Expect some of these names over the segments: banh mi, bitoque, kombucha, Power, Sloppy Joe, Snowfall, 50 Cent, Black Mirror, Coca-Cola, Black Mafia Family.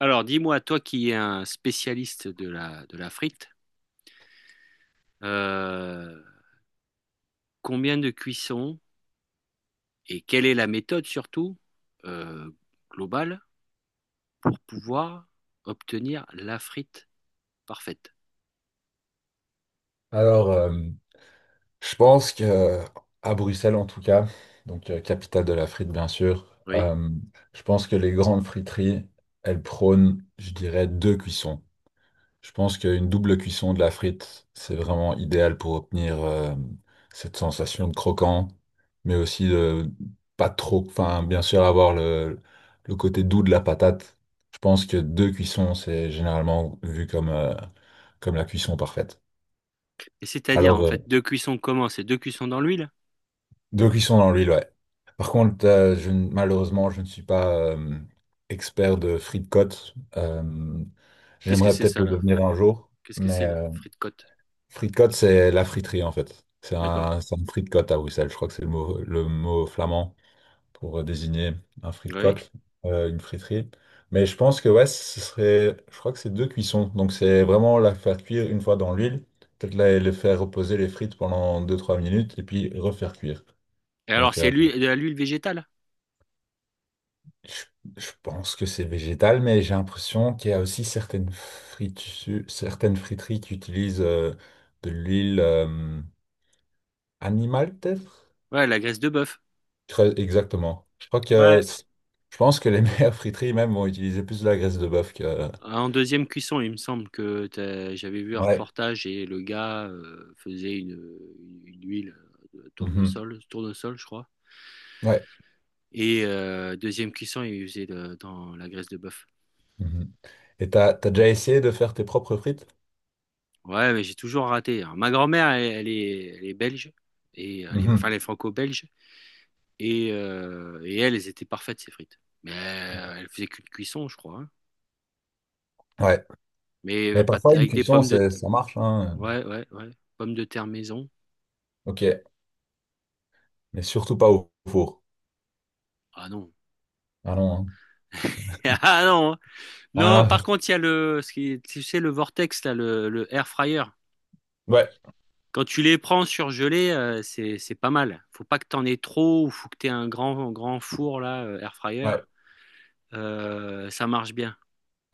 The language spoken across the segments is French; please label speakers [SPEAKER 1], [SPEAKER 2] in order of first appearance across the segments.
[SPEAKER 1] Alors, dis-moi, toi qui es un spécialiste de la frite, euh, combien de cuissons et quelle est la méthode surtout euh, globale pour pouvoir obtenir la frite parfaite?
[SPEAKER 2] Alors, je pense que à Bruxelles en tout cas, donc capitale de la frite bien sûr,
[SPEAKER 1] Oui.
[SPEAKER 2] je pense que les grandes friteries, elles prônent, je dirais, deux cuissons. Je pense qu'une double cuisson de la frite, c'est vraiment idéal pour obtenir cette sensation de croquant, mais aussi de pas trop, enfin bien sûr avoir le côté doux de la patate. Je pense que deux cuissons, c'est généralement vu comme la cuisson parfaite.
[SPEAKER 1] Et c'est-à-dire,
[SPEAKER 2] Alors,
[SPEAKER 1] en fait, deux cuissons comment? C'est deux cuissons dans l'huile?
[SPEAKER 2] deux cuissons dans l'huile, ouais. Par contre, je, ne- malheureusement, je ne suis pas expert de frites-côtes.
[SPEAKER 1] Qu'est-ce que
[SPEAKER 2] J'aimerais
[SPEAKER 1] c'est
[SPEAKER 2] peut-être
[SPEAKER 1] ça,
[SPEAKER 2] le
[SPEAKER 1] là?
[SPEAKER 2] devenir un jour,
[SPEAKER 1] Qu'est-ce que
[SPEAKER 2] mais
[SPEAKER 1] c'est la frite côte?
[SPEAKER 2] frites-côtes, c'est la friterie en fait. C'est
[SPEAKER 1] D'accord.
[SPEAKER 2] un, c'est un frite-côte à Bruxelles. Je crois que c'est le mot flamand pour désigner un
[SPEAKER 1] Oui.
[SPEAKER 2] frite-côte, une friterie. Mais je pense que ouais, je crois que c'est deux cuissons. Donc c'est vraiment la faire cuire une fois dans l'huile, peut-être les faire reposer les frites pendant 2-3 minutes et puis refaire cuire.
[SPEAKER 1] Et alors,
[SPEAKER 2] Donc
[SPEAKER 1] c'est
[SPEAKER 2] euh,
[SPEAKER 1] l'huile, de l'huile végétale?
[SPEAKER 2] Je je pense que c'est végétal, mais j'ai l'impression qu'il y a aussi certaines friteries qui utilisent de l'huile animale, peut-être?
[SPEAKER 1] Ouais, la graisse de bœuf.
[SPEAKER 2] Exactement. Je crois que
[SPEAKER 1] Ouais.
[SPEAKER 2] je pense que les meilleures friteries même vont utiliser plus de la graisse de bœuf que.
[SPEAKER 1] En deuxième cuisson, il me semble que j'avais vu un
[SPEAKER 2] Ouais.
[SPEAKER 1] reportage et le gars faisait une huile de
[SPEAKER 2] Mhm.
[SPEAKER 1] tournesol, je crois.
[SPEAKER 2] Ouais.
[SPEAKER 1] Et deuxième cuisson, il dans la graisse de bœuf.
[SPEAKER 2] Mhm. Et t'as déjà essayé de faire tes propres frites?
[SPEAKER 1] Ouais, mais j'ai toujours raté. Alors, ma grand-mère, elle est belge, et, enfin,
[SPEAKER 2] Mhm.
[SPEAKER 1] elle est franco-belge, et elle, elles étaient parfaites, ces frites. Mais elle faisait qu'une cuisson, je crois, hein.
[SPEAKER 2] Ouais.
[SPEAKER 1] Mais
[SPEAKER 2] Mais
[SPEAKER 1] pas,
[SPEAKER 2] parfois une
[SPEAKER 1] avec des
[SPEAKER 2] cuisson,
[SPEAKER 1] pommes de...
[SPEAKER 2] ça marche, hein.
[SPEAKER 1] Ouais, ouais, ouais. Pommes de terre maison.
[SPEAKER 2] Ok. Mais surtout pas au four.
[SPEAKER 1] Ah non.
[SPEAKER 2] Ah non, hein.
[SPEAKER 1] Ah non, hein.
[SPEAKER 2] Ah
[SPEAKER 1] Non,
[SPEAKER 2] là.
[SPEAKER 1] par contre, il y a ce tu sais, le vortex, là, le air fryer.
[SPEAKER 2] Ouais.
[SPEAKER 1] Quand tu les prends surgelés, c'est pas mal. Faut pas que t'en aies trop ou faut que t'aies un grand four, là, air fryer.
[SPEAKER 2] Ouais.
[SPEAKER 1] Ça marche bien.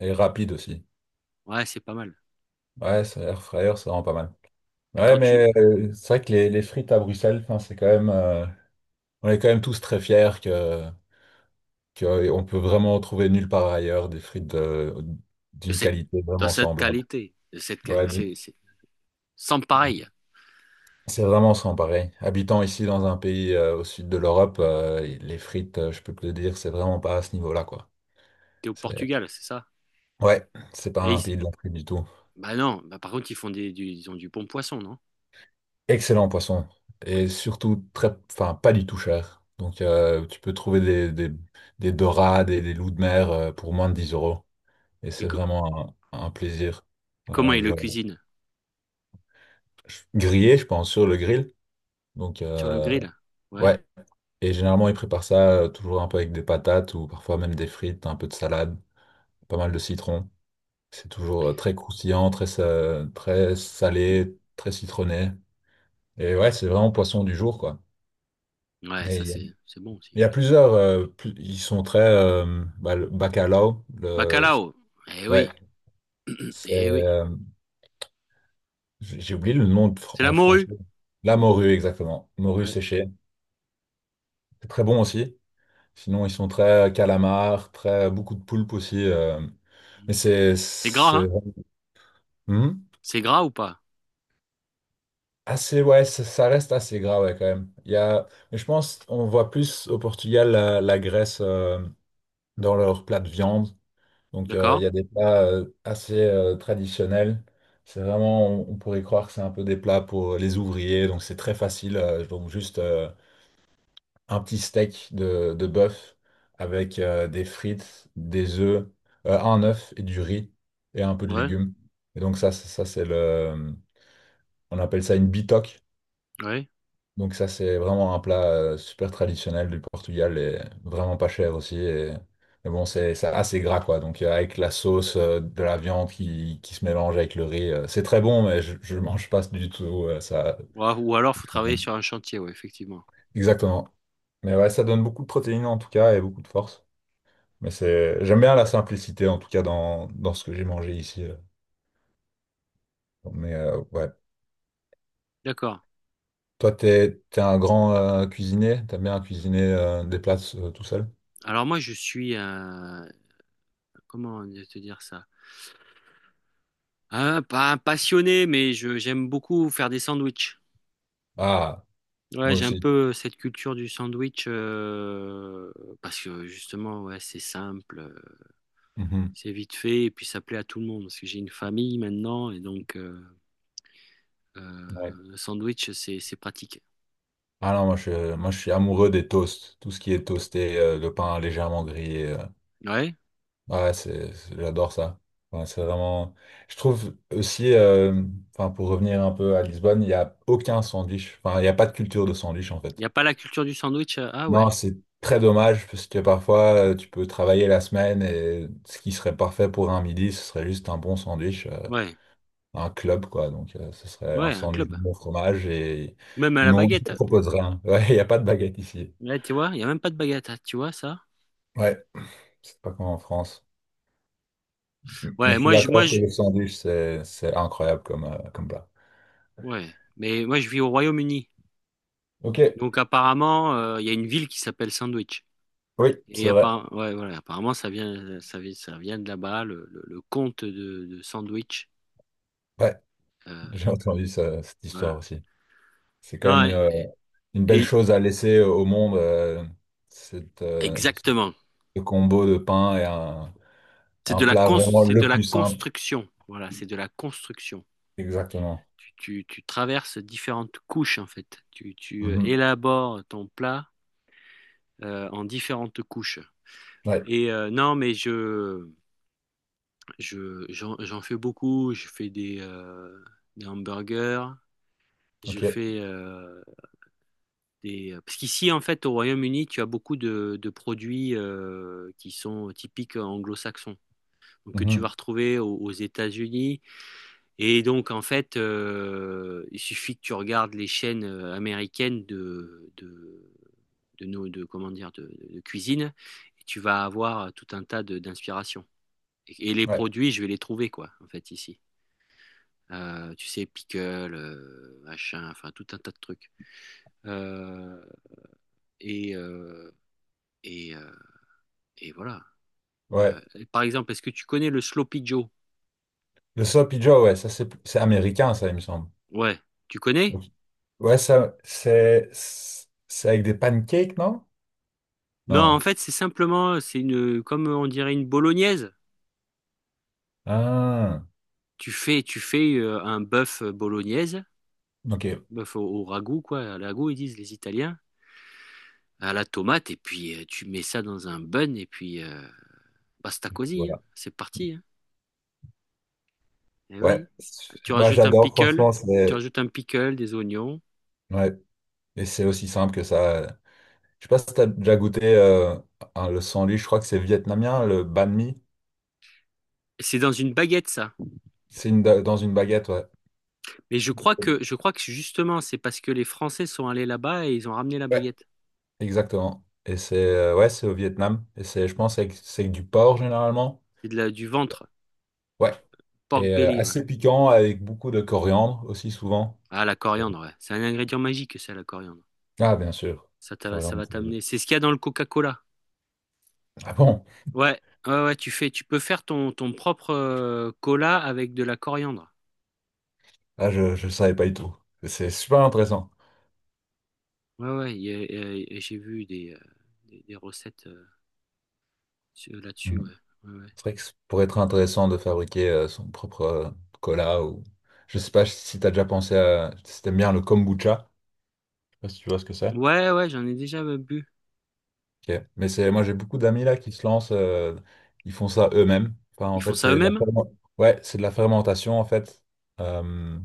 [SPEAKER 2] Et rapide aussi.
[SPEAKER 1] Ouais, c'est pas mal.
[SPEAKER 2] Ouais, ça, air fryer, c'est vraiment pas mal.
[SPEAKER 1] Mais
[SPEAKER 2] Ouais,
[SPEAKER 1] quand tu,
[SPEAKER 2] mais c'est vrai que les frites à Bruxelles, enfin, on est quand même tous très fiers que on peut vraiment trouver nulle part ailleurs des frites
[SPEAKER 1] de
[SPEAKER 2] d'une
[SPEAKER 1] cette,
[SPEAKER 2] qualité
[SPEAKER 1] dans
[SPEAKER 2] vraiment
[SPEAKER 1] cette
[SPEAKER 2] semblable.
[SPEAKER 1] qualité, de cette
[SPEAKER 2] Ouais, mais
[SPEAKER 1] qualité, c'est sans pareil.
[SPEAKER 2] c'est vraiment sans pareil. Habitant ici dans un pays au sud de l'Europe, les frites, je peux te le dire, c'est vraiment pas à ce niveau-là, quoi.
[SPEAKER 1] T'es au
[SPEAKER 2] C'est,
[SPEAKER 1] Portugal, c'est ça?
[SPEAKER 2] ouais, c'est pas
[SPEAKER 1] Mais
[SPEAKER 2] un
[SPEAKER 1] ils-
[SPEAKER 2] pays de la frite du tout.
[SPEAKER 1] bah non, bah par contre, ils font ils ont du bon poisson, non?
[SPEAKER 2] Excellent poisson. Et surtout, enfin, pas du tout cher. Donc, tu peux trouver des dorades et des loups de mer pour moins de 10 euros. Et
[SPEAKER 1] Et
[SPEAKER 2] c'est
[SPEAKER 1] co-
[SPEAKER 2] vraiment un plaisir.
[SPEAKER 1] comment
[SPEAKER 2] Euh,
[SPEAKER 1] ils
[SPEAKER 2] je,
[SPEAKER 1] le cuisinent?
[SPEAKER 2] Grillé, je pense, sur le grill. Donc,
[SPEAKER 1] Sur le grill? Ouais.
[SPEAKER 2] ouais. Et généralement, ils préparent ça toujours un peu avec des patates ou parfois même des frites, un peu de salade, pas mal de citron. C'est toujours très croustillant, très salé, très citronné. Et ouais, c'est vraiment poisson du jour, quoi.
[SPEAKER 1] Ouais, ça, c'est bon aussi,
[SPEAKER 2] Il y a
[SPEAKER 1] ouais.
[SPEAKER 2] ils sont très, bah, le bacalao,
[SPEAKER 1] Bacalao. Eh
[SPEAKER 2] ouais,
[SPEAKER 1] oui.
[SPEAKER 2] c'est,
[SPEAKER 1] Eh oui.
[SPEAKER 2] euh, j'ai oublié le nom
[SPEAKER 1] C'est la
[SPEAKER 2] en
[SPEAKER 1] morue.
[SPEAKER 2] français. La morue, exactement. Morue
[SPEAKER 1] Ouais.
[SPEAKER 2] séchée. C'est très bon aussi. Sinon, ils sont très calamars beaucoup de poulpe aussi, mais c'est,
[SPEAKER 1] C'est gras,
[SPEAKER 2] c'est,
[SPEAKER 1] hein?
[SPEAKER 2] Hmm?
[SPEAKER 1] C'est gras ou pas?
[SPEAKER 2] Assez, ouais, ça reste assez gras, ouais, quand même. Mais je pense, on voit plus au Portugal la graisse, dans leur plat de viande. Donc, il
[SPEAKER 1] D'accord?
[SPEAKER 2] y a des plats assez traditionnels. On pourrait croire que c'est un peu des plats pour les ouvriers. Donc, c'est très facile. Juste un petit steak de bœuf avec des frites, des œufs, un œuf et du riz et un peu de
[SPEAKER 1] Ouais,
[SPEAKER 2] légumes. Et donc, ça, c'est le. On appelle ça une bitoque.
[SPEAKER 1] ouais.
[SPEAKER 2] Donc ça, c'est vraiment un plat super traditionnel du Portugal et vraiment pas cher aussi. Mais bon, c'est assez gras, quoi. Donc, avec la sauce de la viande qui se mélange avec le riz, c'est très bon, mais je mange pas du tout ça.
[SPEAKER 1] Ou alors, faut travailler sur un chantier, ouais, effectivement.
[SPEAKER 2] Exactement. Mais ouais, ça donne beaucoup de protéines en tout cas et beaucoup de force. J'aime bien la simplicité en tout cas dans ce que j'ai mangé ici. Ouais.
[SPEAKER 1] D'accord.
[SPEAKER 2] Toi, t'es un grand cuisinier? T'aimes bien cuisiner des plats tout seul?
[SPEAKER 1] Alors moi, je suis, comment te dire ça? Pas un passionné, mais je, j'aime beaucoup faire des sandwichs.
[SPEAKER 2] Ah,
[SPEAKER 1] Ouais,
[SPEAKER 2] moi
[SPEAKER 1] j'ai un
[SPEAKER 2] aussi.
[SPEAKER 1] peu cette culture du sandwich parce que justement, ouais, c'est simple, c'est vite fait et puis ça plaît à tout le monde parce que j'ai une famille maintenant et donc
[SPEAKER 2] Ouais.
[SPEAKER 1] un sandwich, c'est pratique.
[SPEAKER 2] Ah non, moi je suis amoureux des toasts. Tout ce qui est toasté, le pain légèrement grillé.
[SPEAKER 1] Ouais.
[SPEAKER 2] Ouais, j'adore ça. Ouais, c'est vraiment. Je trouve aussi, enfin, pour revenir un peu à Lisbonne, il n'y a aucun sandwich. Enfin, il n'y a pas de culture de sandwich en
[SPEAKER 1] Il n'y
[SPEAKER 2] fait.
[SPEAKER 1] a pas la culture du sandwich. Ah
[SPEAKER 2] Non,
[SPEAKER 1] ouais,
[SPEAKER 2] c'est très dommage parce que parfois tu peux travailler la semaine et ce qui serait parfait pour un midi, ce serait juste un bon sandwich,
[SPEAKER 1] ouais,
[SPEAKER 2] un club quoi. Donc, ce serait un
[SPEAKER 1] ouais, un
[SPEAKER 2] sandwich de
[SPEAKER 1] club.
[SPEAKER 2] bon fromage et
[SPEAKER 1] Même à la
[SPEAKER 2] ils
[SPEAKER 1] baguette.
[SPEAKER 2] ne proposent rien. Ouais, il n'y a pas de baguette ici.
[SPEAKER 1] Là, tu vois, il n'y a même pas de baguette, hein, tu vois ça?
[SPEAKER 2] Ouais. C'est pas comme en France. Mais je
[SPEAKER 1] Ouais,
[SPEAKER 2] suis d'accord que le sandwich, c'est incroyable comme plat.
[SPEAKER 1] ouais, mais moi, je vis au Royaume-Uni.
[SPEAKER 2] Ok,
[SPEAKER 1] Donc, apparemment, il y a une ville qui s'appelle Sandwich.
[SPEAKER 2] oui,
[SPEAKER 1] Et
[SPEAKER 2] c'est vrai.
[SPEAKER 1] apparemment, ouais, voilà, apparemment, ça vient de là-bas, le comte de Sandwich.
[SPEAKER 2] Ouais,
[SPEAKER 1] Euh,
[SPEAKER 2] j'ai cette histoire
[SPEAKER 1] voilà.
[SPEAKER 2] aussi. C'est quand même
[SPEAKER 1] Non,
[SPEAKER 2] une belle
[SPEAKER 1] et-
[SPEAKER 2] chose à laisser au monde, cette, euh, ce
[SPEAKER 1] exactement.
[SPEAKER 2] combo de pain et un plat vraiment
[SPEAKER 1] C'est de
[SPEAKER 2] le
[SPEAKER 1] la
[SPEAKER 2] plus simple.
[SPEAKER 1] construction. Voilà, c'est de la construction.
[SPEAKER 2] Exactement.
[SPEAKER 1] Tu traverses différentes couches en fait.
[SPEAKER 2] Mhm.
[SPEAKER 1] Élabores ton plat en différentes couches.
[SPEAKER 2] Ouais,
[SPEAKER 1] Et non, mais j'en fais beaucoup. Je fais des hamburgers. Je
[SPEAKER 2] ok.
[SPEAKER 1] fais des... parce qu'ici, en fait, au Royaume-Uni, tu as beaucoup de produits qui sont typiques anglo-saxons. Donc, que tu vas
[SPEAKER 2] Mhm.
[SPEAKER 1] retrouver aux États-Unis. Et donc, en fait, il suffit que tu regardes les chaînes américaines comment dire, de cuisine, et tu vas avoir tout un d'inspirations. Et les
[SPEAKER 2] Ouais,
[SPEAKER 1] produits, je vais les trouver, quoi, en fait, ici. Tu sais, pickle, machin, enfin, tout un tas de trucs. Euh, et, euh, et, euh, et voilà. Euh,
[SPEAKER 2] ouais.
[SPEAKER 1] par exemple, est-ce que tu connais le Sloppy Joe?
[SPEAKER 2] Le sloppy Joe, ouais, ça c'est américain, ça, il me semble.
[SPEAKER 1] Ouais, tu connais?
[SPEAKER 2] Ok. Ouais, ça, c'est avec des pancakes, non?
[SPEAKER 1] Non, en
[SPEAKER 2] Non.
[SPEAKER 1] fait, c'est simplement, comme on dirait une bolognaise.
[SPEAKER 2] Ah,
[SPEAKER 1] Tu fais un bœuf bolognaise,
[SPEAKER 2] ok.
[SPEAKER 1] bœuf au ragoût, quoi, à la ragoût, ils disent les Italiens, à la tomate, et puis tu mets ça dans un bun, et puis basta così, hein,
[SPEAKER 2] Voilà.
[SPEAKER 1] c'est parti, hein. Eh
[SPEAKER 2] Ouais.
[SPEAKER 1] oui. Tu
[SPEAKER 2] Moi,
[SPEAKER 1] rajoutes un
[SPEAKER 2] j'adore,
[SPEAKER 1] pickle,
[SPEAKER 2] franchement,
[SPEAKER 1] tu
[SPEAKER 2] c'est.
[SPEAKER 1] rajoutes un pickle, des oignons.
[SPEAKER 2] Ouais. Et c'est aussi simple que ça. Je sais pas si t'as déjà goûté le sandwich, je crois que c'est vietnamien, le banh mi.
[SPEAKER 1] C'est dans une baguette, ça.
[SPEAKER 2] Dans une baguette, ouais.
[SPEAKER 1] Mais je crois que justement, c'est parce que les Français sont allés là-bas et ils ont ramené la
[SPEAKER 2] Ouais.
[SPEAKER 1] baguette.
[SPEAKER 2] Exactement. Et c'est Ouais, c'est au Vietnam. Et c'est, je pense, c'est avec du porc généralement.
[SPEAKER 1] C'est de la, du ventre,
[SPEAKER 2] Ouais.
[SPEAKER 1] pork
[SPEAKER 2] Et euh,
[SPEAKER 1] belly, ouais.
[SPEAKER 2] assez piquant avec beaucoup de coriandre aussi souvent.
[SPEAKER 1] Ah, la coriandre, ouais. C'est un ingrédient magique, ça, la coriandre.
[SPEAKER 2] Ah, bien sûr.
[SPEAKER 1] Ça, ça va
[SPEAKER 2] Coriandre.
[SPEAKER 1] t'amener. C'est ce qu'il y a dans le Coca-Cola.
[SPEAKER 2] Ah bon?
[SPEAKER 1] Ouais, ouais, ouais, tu peux faire ton propre cola avec de la coriandre.
[SPEAKER 2] Ah, je ne savais pas du tout. C'est super intéressant.
[SPEAKER 1] Ouais, ouais, j'ai vu des, des recettes là-dessus, ouais. Ouais, ouais.
[SPEAKER 2] C'est vrai que ça pourrait être intéressant de fabriquer son propre cola ou je sais pas si t'as déjà pensé à si t'aimes bien le kombucha, je sais pas si tu vois ce que c'est.
[SPEAKER 1] Ouais, ouais, j'en ai déjà bu.
[SPEAKER 2] Ok. Mais c'est moi j'ai beaucoup d'amis là qui se lancent, ils font ça eux-mêmes. Enfin,
[SPEAKER 1] Ils
[SPEAKER 2] en
[SPEAKER 1] font
[SPEAKER 2] fait,
[SPEAKER 1] ça
[SPEAKER 2] c'est de la
[SPEAKER 1] eux-mêmes.
[SPEAKER 2] ferme- ouais, c'est de la fermentation en fait. Euh,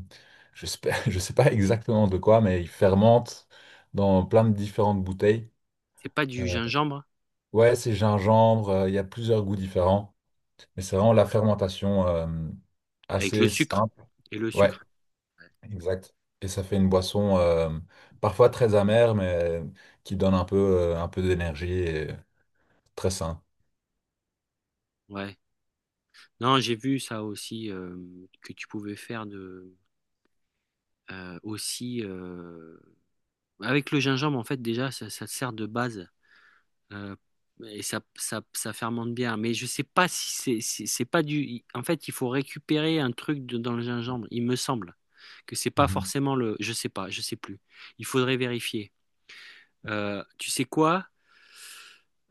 [SPEAKER 2] je sais pas, je sais pas exactement de quoi mais ils fermentent dans plein de différentes bouteilles.
[SPEAKER 1] C'est pas du
[SPEAKER 2] Euh,
[SPEAKER 1] gingembre
[SPEAKER 2] ouais, c'est gingembre, il y a plusieurs goûts différents. Mais c'est vraiment la fermentation
[SPEAKER 1] avec
[SPEAKER 2] assez simple.
[SPEAKER 1] le
[SPEAKER 2] Ouais.
[SPEAKER 1] sucre.
[SPEAKER 2] Exact. Et ça fait une boisson parfois très amère, mais qui donne un peu d'énergie et très sain.
[SPEAKER 1] Ouais. Non, j'ai vu ça aussi que tu pouvais faire de aussi avec le gingembre en fait déjà ça, ça te sert de base. Euh, et ça, ça fermente bien. Mais je sais pas si c'est, c'est pas du. En fait, il faut récupérer un dans le gingembre. Il me semble que c'est pas
[SPEAKER 2] Mhm.
[SPEAKER 1] forcément le. Je sais pas, je sais plus. Il faudrait vérifier. Tu sais quoi?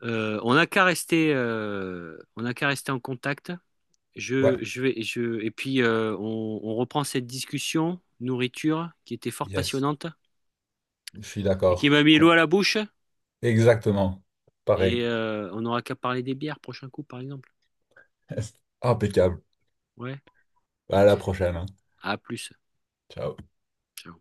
[SPEAKER 1] On n'a qu'à rester en contact.
[SPEAKER 2] Ouais,
[SPEAKER 1] Et puis on reprend cette discussion nourriture qui était fort
[SPEAKER 2] yes,
[SPEAKER 1] passionnante
[SPEAKER 2] je suis
[SPEAKER 1] et qui m'a
[SPEAKER 2] d'accord.
[SPEAKER 1] mis l'eau à la bouche.
[SPEAKER 2] Exactement.
[SPEAKER 1] Et
[SPEAKER 2] Pareil.
[SPEAKER 1] on n'aura qu'à parler des bières prochain coup, par exemple.
[SPEAKER 2] Impeccable.
[SPEAKER 1] Ouais.
[SPEAKER 2] À la prochaine, hein.
[SPEAKER 1] À plus.
[SPEAKER 2] Ciao.
[SPEAKER 1] Ciao.